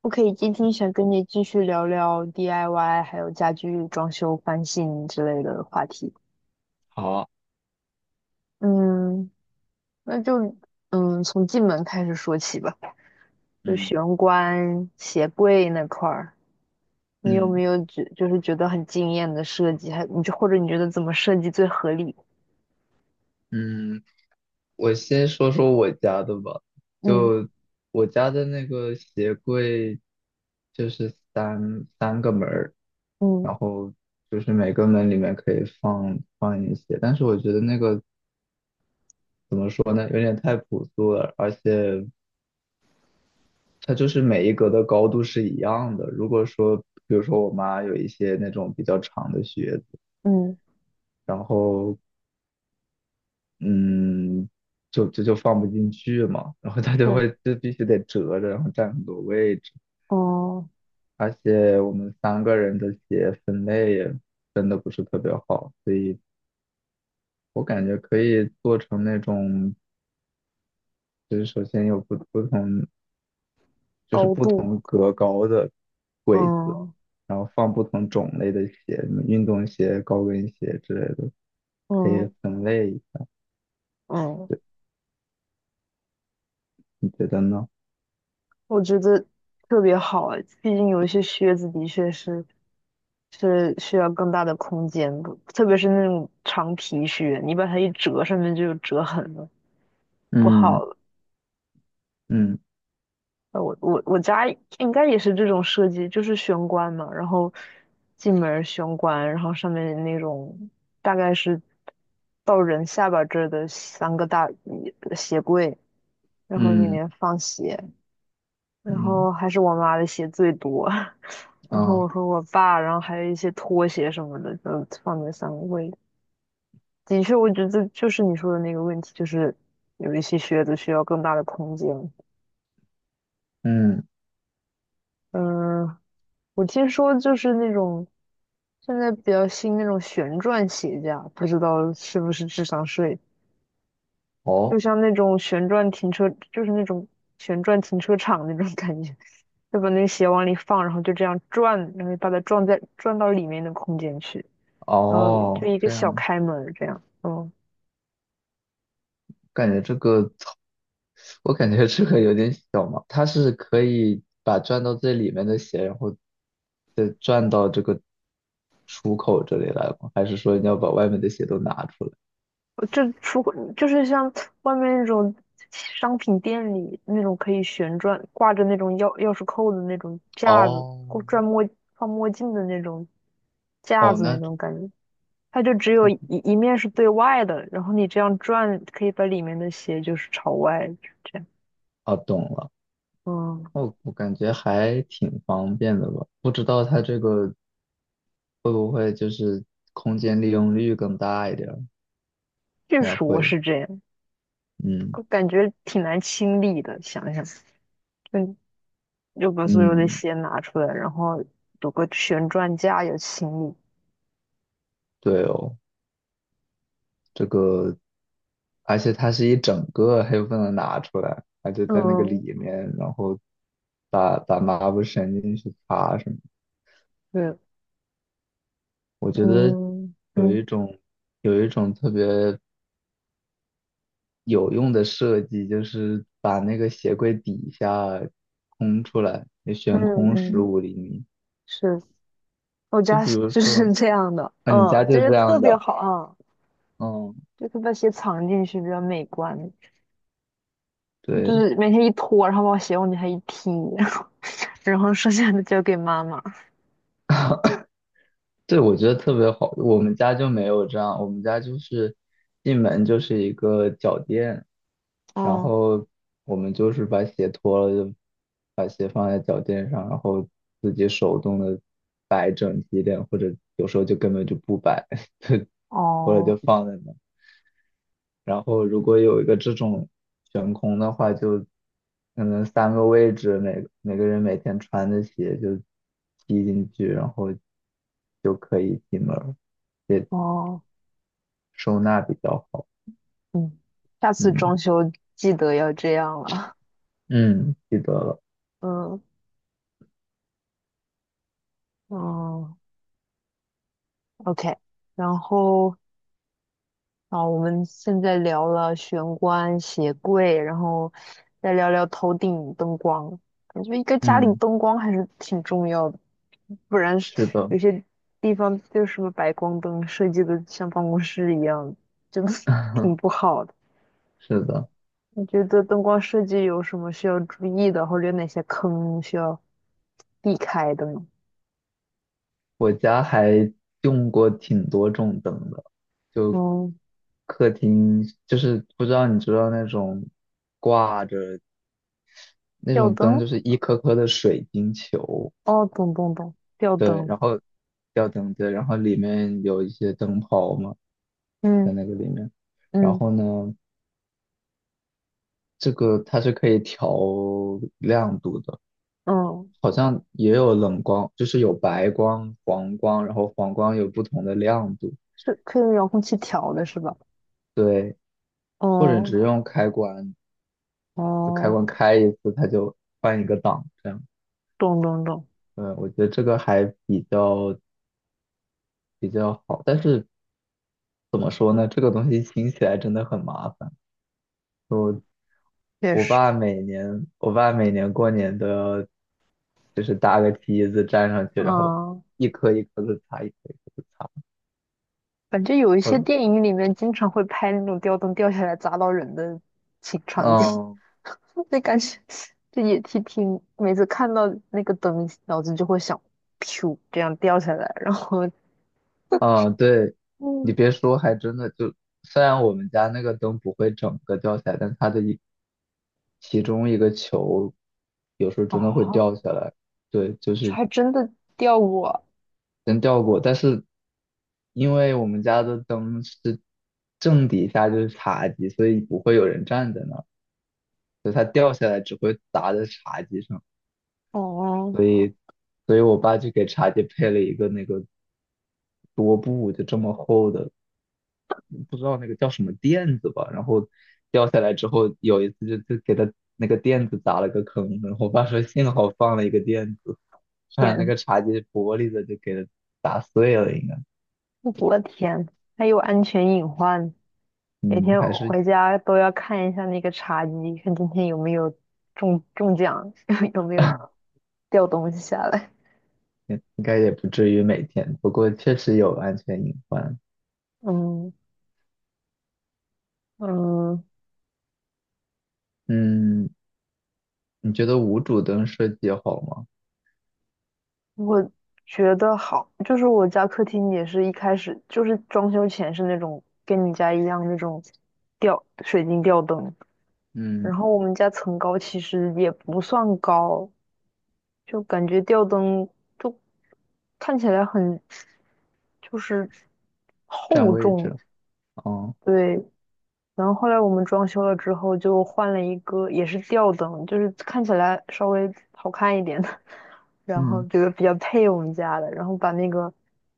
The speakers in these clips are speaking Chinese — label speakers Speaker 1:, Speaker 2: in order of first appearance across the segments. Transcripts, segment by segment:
Speaker 1: 我可以今天想跟你继续聊聊 DIY，还有家居装修翻新之类的话题。
Speaker 2: 好，
Speaker 1: 嗯，那就从进门开始说起吧，就
Speaker 2: 嗯
Speaker 1: 玄关、鞋柜那块儿，你有
Speaker 2: 嗯
Speaker 1: 没有觉就是觉得很惊艳的设计？还你就或者你觉得怎么设计最合理？
Speaker 2: 嗯，我先说说我家的吧。
Speaker 1: 嗯
Speaker 2: 就我家的那个鞋柜，就是三个门儿，然
Speaker 1: 嗯
Speaker 2: 后就是每个门里面可以放一些。但是我觉得那个怎么说呢，有点太朴素了，而且它就是每一格的高度是一样的。如果说，比如说我妈有一些那种比较长的靴子，
Speaker 1: 嗯，
Speaker 2: 然后。嗯，就这就放不进去嘛，然后他就
Speaker 1: 对，
Speaker 2: 会就必须得折着，然后占很多位置，
Speaker 1: 哦，
Speaker 2: 而且我们三个人的鞋分类也分的不是特别好，所以我感觉可以做成那种，就是首先有不同，就是
Speaker 1: 高
Speaker 2: 不
Speaker 1: 度，
Speaker 2: 同格高的柜子，
Speaker 1: 嗯
Speaker 2: 然后放不同种类的鞋，什么运动鞋、高跟鞋之类的，可以
Speaker 1: 嗯
Speaker 2: 分类，
Speaker 1: 嗯，
Speaker 2: 你觉得呢？
Speaker 1: 我觉得特别好啊，毕竟有一些靴子的确是是需要更大的空间的，特别是那种长皮靴，你把它一折，上面就有折痕了，不好
Speaker 2: 嗯
Speaker 1: 了。
Speaker 2: 嗯
Speaker 1: 我家应该也是这种设计，就是玄关嘛，然后进门儿玄关，然后上面那种大概是到人下巴这儿的三个大一鞋柜，然后里
Speaker 2: 嗯
Speaker 1: 面放鞋，然后
Speaker 2: 嗯
Speaker 1: 还是我妈的鞋最多，然后我
Speaker 2: 啊
Speaker 1: 和我爸，然后还有一些拖鞋什么的，就放在三位。的确，我觉得就是你说的那个问题，就是有一些靴子需要更大的空间。
Speaker 2: 嗯
Speaker 1: 嗯，我听说就是那种现在比较新那种旋转鞋架，不知道是不是智商税，就
Speaker 2: 哦。
Speaker 1: 像那种旋转停车，就是那种旋转停车场那种感觉，就把那个鞋往里放，然后就这样转，然后把它转在转到里面的空间去，然后
Speaker 2: 哦，
Speaker 1: 就一个
Speaker 2: 这
Speaker 1: 小
Speaker 2: 样，
Speaker 1: 开门这样。嗯，
Speaker 2: 感觉这个，我感觉这个有点小嘛。它是可以把转到最里面的鞋，然后再转到这个出口这里来吗？还是说你要把外面的鞋都拿出来？
Speaker 1: 就这出就是像外面那种商品店里那种可以旋转挂着那种钥匙扣的那种架子，或
Speaker 2: 哦，
Speaker 1: 转墨放墨镜的那种架
Speaker 2: 哦，
Speaker 1: 子那
Speaker 2: 那
Speaker 1: 种感觉。它就只有一面是对外的，然后你这样转，可以把里面的鞋就是朝外，就是这样。
Speaker 2: 哦，懂了。
Speaker 1: 嗯，
Speaker 2: 哦，我感觉还挺方便的吧？不知道它这个会不会就是空间利用率更大一点儿
Speaker 1: 日
Speaker 2: 应该
Speaker 1: 说
Speaker 2: 会。
Speaker 1: 是这样，
Speaker 2: 嗯
Speaker 1: 我感觉挺难清理的。想想，就就把所有的
Speaker 2: 嗯，
Speaker 1: 鞋拿出来，然后有个旋转架有清理。
Speaker 2: 对哦。这个，而且它是一整个，它又不能拿出来，它就在那个
Speaker 1: 嗯，
Speaker 2: 里面，然后把抹布伸进去擦什么。
Speaker 1: 对，
Speaker 2: 我觉得
Speaker 1: 嗯
Speaker 2: 有
Speaker 1: 嗯
Speaker 2: 一种有一种特别有用的设计，就是把那个鞋柜底下空出来，也
Speaker 1: 嗯
Speaker 2: 悬空十
Speaker 1: 嗯，
Speaker 2: 五厘米。
Speaker 1: 是我
Speaker 2: 就
Speaker 1: 家
Speaker 2: 比
Speaker 1: 是
Speaker 2: 如
Speaker 1: 就
Speaker 2: 说，
Speaker 1: 是这样的。
Speaker 2: 啊，你家
Speaker 1: 嗯，
Speaker 2: 就
Speaker 1: 这
Speaker 2: 这
Speaker 1: 个特
Speaker 2: 样
Speaker 1: 别
Speaker 2: 的，
Speaker 1: 好啊，
Speaker 2: 嗯，
Speaker 1: 就是把鞋藏进去比较美观，就
Speaker 2: 对，
Speaker 1: 是每天一脱，然后把鞋往底下一踢。然后剩下的交给妈妈。
Speaker 2: 对，我觉得特别好。我们家就没有这样，我们家就是进门就是一个脚垫，然
Speaker 1: 哦
Speaker 2: 后我们就是把鞋脱了，就把鞋放在脚垫上，然后自己手动的摆整齐一点，或者有时候就根本就不摆，就或者
Speaker 1: 哦
Speaker 2: 就放在那。然后如果有一个这种悬空的话，就可能三个位置，每个人每天穿的鞋就踢进去，然后就可以进门。
Speaker 1: 哦，
Speaker 2: 收纳比较好。
Speaker 1: 嗯，下次
Speaker 2: 嗯
Speaker 1: 装修记得要这样了。
Speaker 2: 嗯，记得了。
Speaker 1: 嗯嗯，OK。然后啊，我们现在聊了玄关、鞋柜，然后再聊聊头顶灯光。感觉一个家里
Speaker 2: 嗯，
Speaker 1: 灯光还是挺重要的，不然是
Speaker 2: 是的，
Speaker 1: 有些地方就是什么白光灯设计的像办公室一样，真就 挺不 好的。
Speaker 2: 是的，
Speaker 1: 你觉得灯光设计有什么需要注意的，或者有哪些坑需要避开的呢？
Speaker 2: 我家还用过挺多种灯的，就
Speaker 1: 嗯，
Speaker 2: 客厅就是不知道你知道那种挂着那
Speaker 1: 吊
Speaker 2: 种灯，
Speaker 1: 灯，
Speaker 2: 就是一颗颗的水晶球，
Speaker 1: 哦，懂懂懂，吊
Speaker 2: 对，然
Speaker 1: 灯，
Speaker 2: 后吊灯对，然后里面有一些灯泡嘛，
Speaker 1: 嗯
Speaker 2: 在那个里面，然
Speaker 1: 嗯
Speaker 2: 后呢，这个它是可以调亮度的。
Speaker 1: 嗯，
Speaker 2: 好像也有冷光，就是有白光、黄光，然后黄光有不同的亮度。
Speaker 1: 是可以用遥控器调的是吧？
Speaker 2: 对，或者
Speaker 1: 哦
Speaker 2: 只用开关，就开
Speaker 1: 哦，
Speaker 2: 关开一次，它就换一个档，这样。
Speaker 1: 懂懂懂，
Speaker 2: 嗯，我觉得这个还比较好，但是怎么说呢？这个东西清起来真的很麻烦。我
Speaker 1: 确
Speaker 2: 我
Speaker 1: 实，
Speaker 2: 爸每年，我爸每年过年都要，就是搭个梯子站上去，然后
Speaker 1: 嗯，
Speaker 2: 一颗一颗的擦，一颗一颗的擦。
Speaker 1: 反正有一些
Speaker 2: 我
Speaker 1: 电影里面经常会拍那种吊灯掉下来砸到人的场景，
Speaker 2: 嗯，
Speaker 1: 那感觉这也挺，每次看到那个灯，脑子就会想，噗，这样掉下来，然后
Speaker 2: 啊，对，你
Speaker 1: 嗯，
Speaker 2: 别说，还真的就，虽然我们家那个灯不会整个掉下来，但它的一其中一个球有时候真的会
Speaker 1: 啊，
Speaker 2: 掉下来。对，就
Speaker 1: 这
Speaker 2: 是
Speaker 1: 还真的掉过，
Speaker 2: 真掉过，但是因为我们家的灯是正底下就是茶几，所以不会有人站在那儿，所以它掉下来只会砸在茶几上。
Speaker 1: 哦，
Speaker 2: 所以，所以我爸就给茶几配了一个那个桌布，就这么厚的，不知道那个叫什么垫子吧，然后掉下来之后，有一次就给他那个垫子砸了个坑，然后我爸说幸好放了一个垫子，不然那
Speaker 1: 天，
Speaker 2: 个茶几玻璃的就给他砸碎了，应该，
Speaker 1: 我的天，还有安全隐患，每
Speaker 2: 嗯，
Speaker 1: 天
Speaker 2: 还
Speaker 1: 我
Speaker 2: 是
Speaker 1: 回家都要看一下那个茶几，看今天有没有中奖，有没有 掉东西下来，
Speaker 2: 应该也不至于每天，不过确实有安全隐患。
Speaker 1: 嗯。嗯，
Speaker 2: 嗯，你觉得无主灯设计好吗？
Speaker 1: 我觉得好，就是我家客厅也是一开始就是装修前是那种跟你家一样那种吊水晶吊灯，然
Speaker 2: 嗯，
Speaker 1: 后我们家层高其实也不算高，就感觉吊灯就看起来很就是
Speaker 2: 占
Speaker 1: 厚
Speaker 2: 位
Speaker 1: 重，
Speaker 2: 置，哦，
Speaker 1: 对，然后后来我们装修了之后，就换了一个也是吊灯，就是看起来稍微好看一点的，然后
Speaker 2: 嗯，
Speaker 1: 觉得比较配我们家的，然后把那个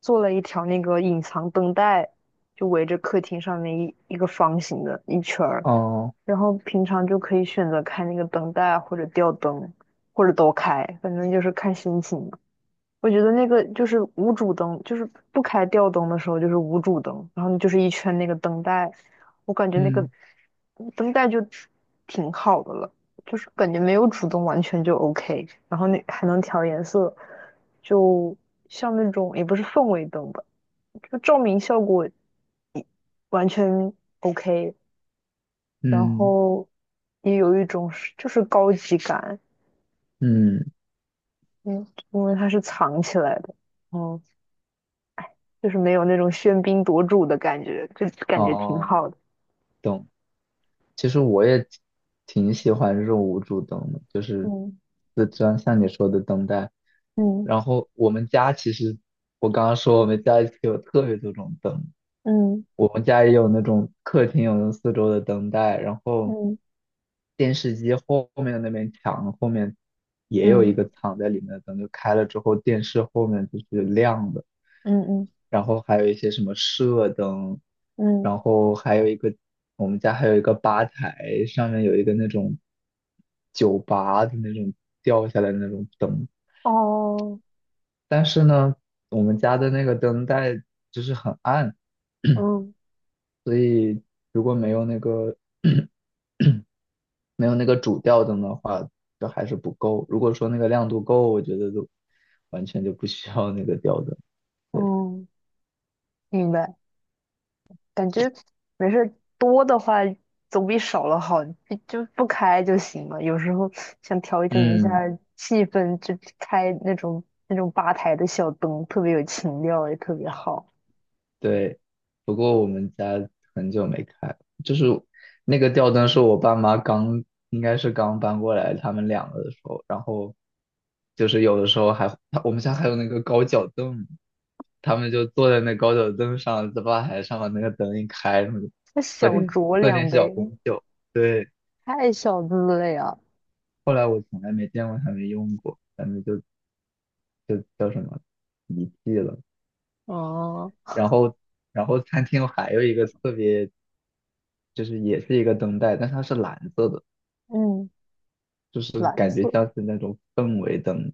Speaker 1: 做了一条那个隐藏灯带，就围着客厅上面一个方形的一圈儿，
Speaker 2: 哦，
Speaker 1: 然后平常就可以选择开那个灯带或者吊灯，或者都开，反正就是看心情。我觉得那个就是无主灯，就是不开吊灯的时候就是无主灯，然后你就是一圈那个灯带，我感觉那个
Speaker 2: 嗯，
Speaker 1: 灯带就挺好的了，就是感觉没有主灯完全就 OK，然后那还能调颜色，就像那种也不是氛围灯吧，就照明效果完全 OK，然
Speaker 2: 嗯，
Speaker 1: 后也有一种是就是高级感，
Speaker 2: 嗯，
Speaker 1: 嗯，因为它是藏起来的，嗯就是没有那种喧宾夺主的感觉，就感觉挺
Speaker 2: 哦。
Speaker 1: 好的。
Speaker 2: 其实我也挺喜欢这种无主灯的，就是
Speaker 1: 嗯
Speaker 2: 这张像你说的灯带。
Speaker 1: 嗯
Speaker 2: 然后我们家其实，我刚刚说我们家其实有特别多种灯，
Speaker 1: 嗯
Speaker 2: 我们家也有那种客厅有那四周的灯带，然后
Speaker 1: 嗯
Speaker 2: 电视机后面的那面墙后面也有一
Speaker 1: 嗯
Speaker 2: 个藏在里面的灯，就开了之后电视后面就是亮的，
Speaker 1: 嗯嗯
Speaker 2: 然后还有一些什么射灯，
Speaker 1: 嗯，
Speaker 2: 然后还有一个我们家还有一个吧台，上面有一个那种酒吧的那种掉下来的那种灯，
Speaker 1: 哦，
Speaker 2: 但是呢，我们家的那个灯带就是很暗。
Speaker 1: 嗯
Speaker 2: 所以如果没有那个 没有那个主吊灯的话，就还是不够。如果说那个亮度够，我觉得就完全就不需要那个吊灯。
Speaker 1: 嗯，明白。感觉没事儿，多的话总比少了好，就不开就行了。有时候想调整一下
Speaker 2: 嗯，
Speaker 1: 气氛，就开那种那种吧台的小灯，特别有情调，也特别好。
Speaker 2: 对，不过我们家很久没开了，就是那个吊灯是我爸妈刚，应该是刚搬过来他们两个的时候，然后就是有的时候还，我们家还有那个高脚凳，他们就坐在那高脚凳上，在吧台上把那个灯一开，然后就
Speaker 1: 那
Speaker 2: 喝
Speaker 1: 小
Speaker 2: 点
Speaker 1: 酌
Speaker 2: 喝点
Speaker 1: 两
Speaker 2: 小
Speaker 1: 杯，
Speaker 2: 红酒。对，
Speaker 1: 太小资了呀。
Speaker 2: 后来我从来没见过他们用过，他们就叫什么遗弃了。
Speaker 1: 啊
Speaker 2: 然后然后餐厅还有一个特别。就是也是一个灯带，但是它是蓝色的，
Speaker 1: 嗯，
Speaker 2: 就是
Speaker 1: 蓝
Speaker 2: 感觉
Speaker 1: 色。
Speaker 2: 像是那种氛围灯，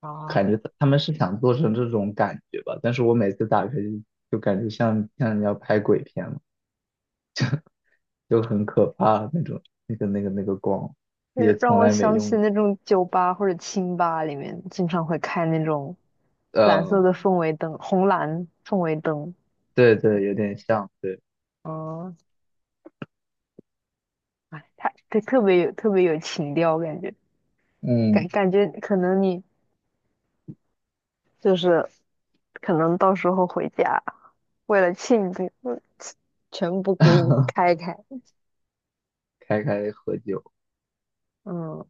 Speaker 1: 啊，
Speaker 2: 感觉他们是想做成这种感觉吧。但是我每次打开就感觉像人家拍鬼片了，就很可怕那种，那个光
Speaker 1: 就
Speaker 2: 也
Speaker 1: 是让
Speaker 2: 从
Speaker 1: 我
Speaker 2: 来没
Speaker 1: 想起
Speaker 2: 用
Speaker 1: 那种酒吧或者清吧里面经常会开那种
Speaker 2: 过。
Speaker 1: 蓝色
Speaker 2: 呃，
Speaker 1: 的氛围灯，红蓝氛围灯。
Speaker 2: 对对，有点像，对，
Speaker 1: 嗯，哎，它特别有情调，感觉感
Speaker 2: 嗯，
Speaker 1: 感觉可能你就是可能到时候回家为了庆祝，嗯全部给你 开开。
Speaker 2: 开开喝酒。
Speaker 1: 嗯，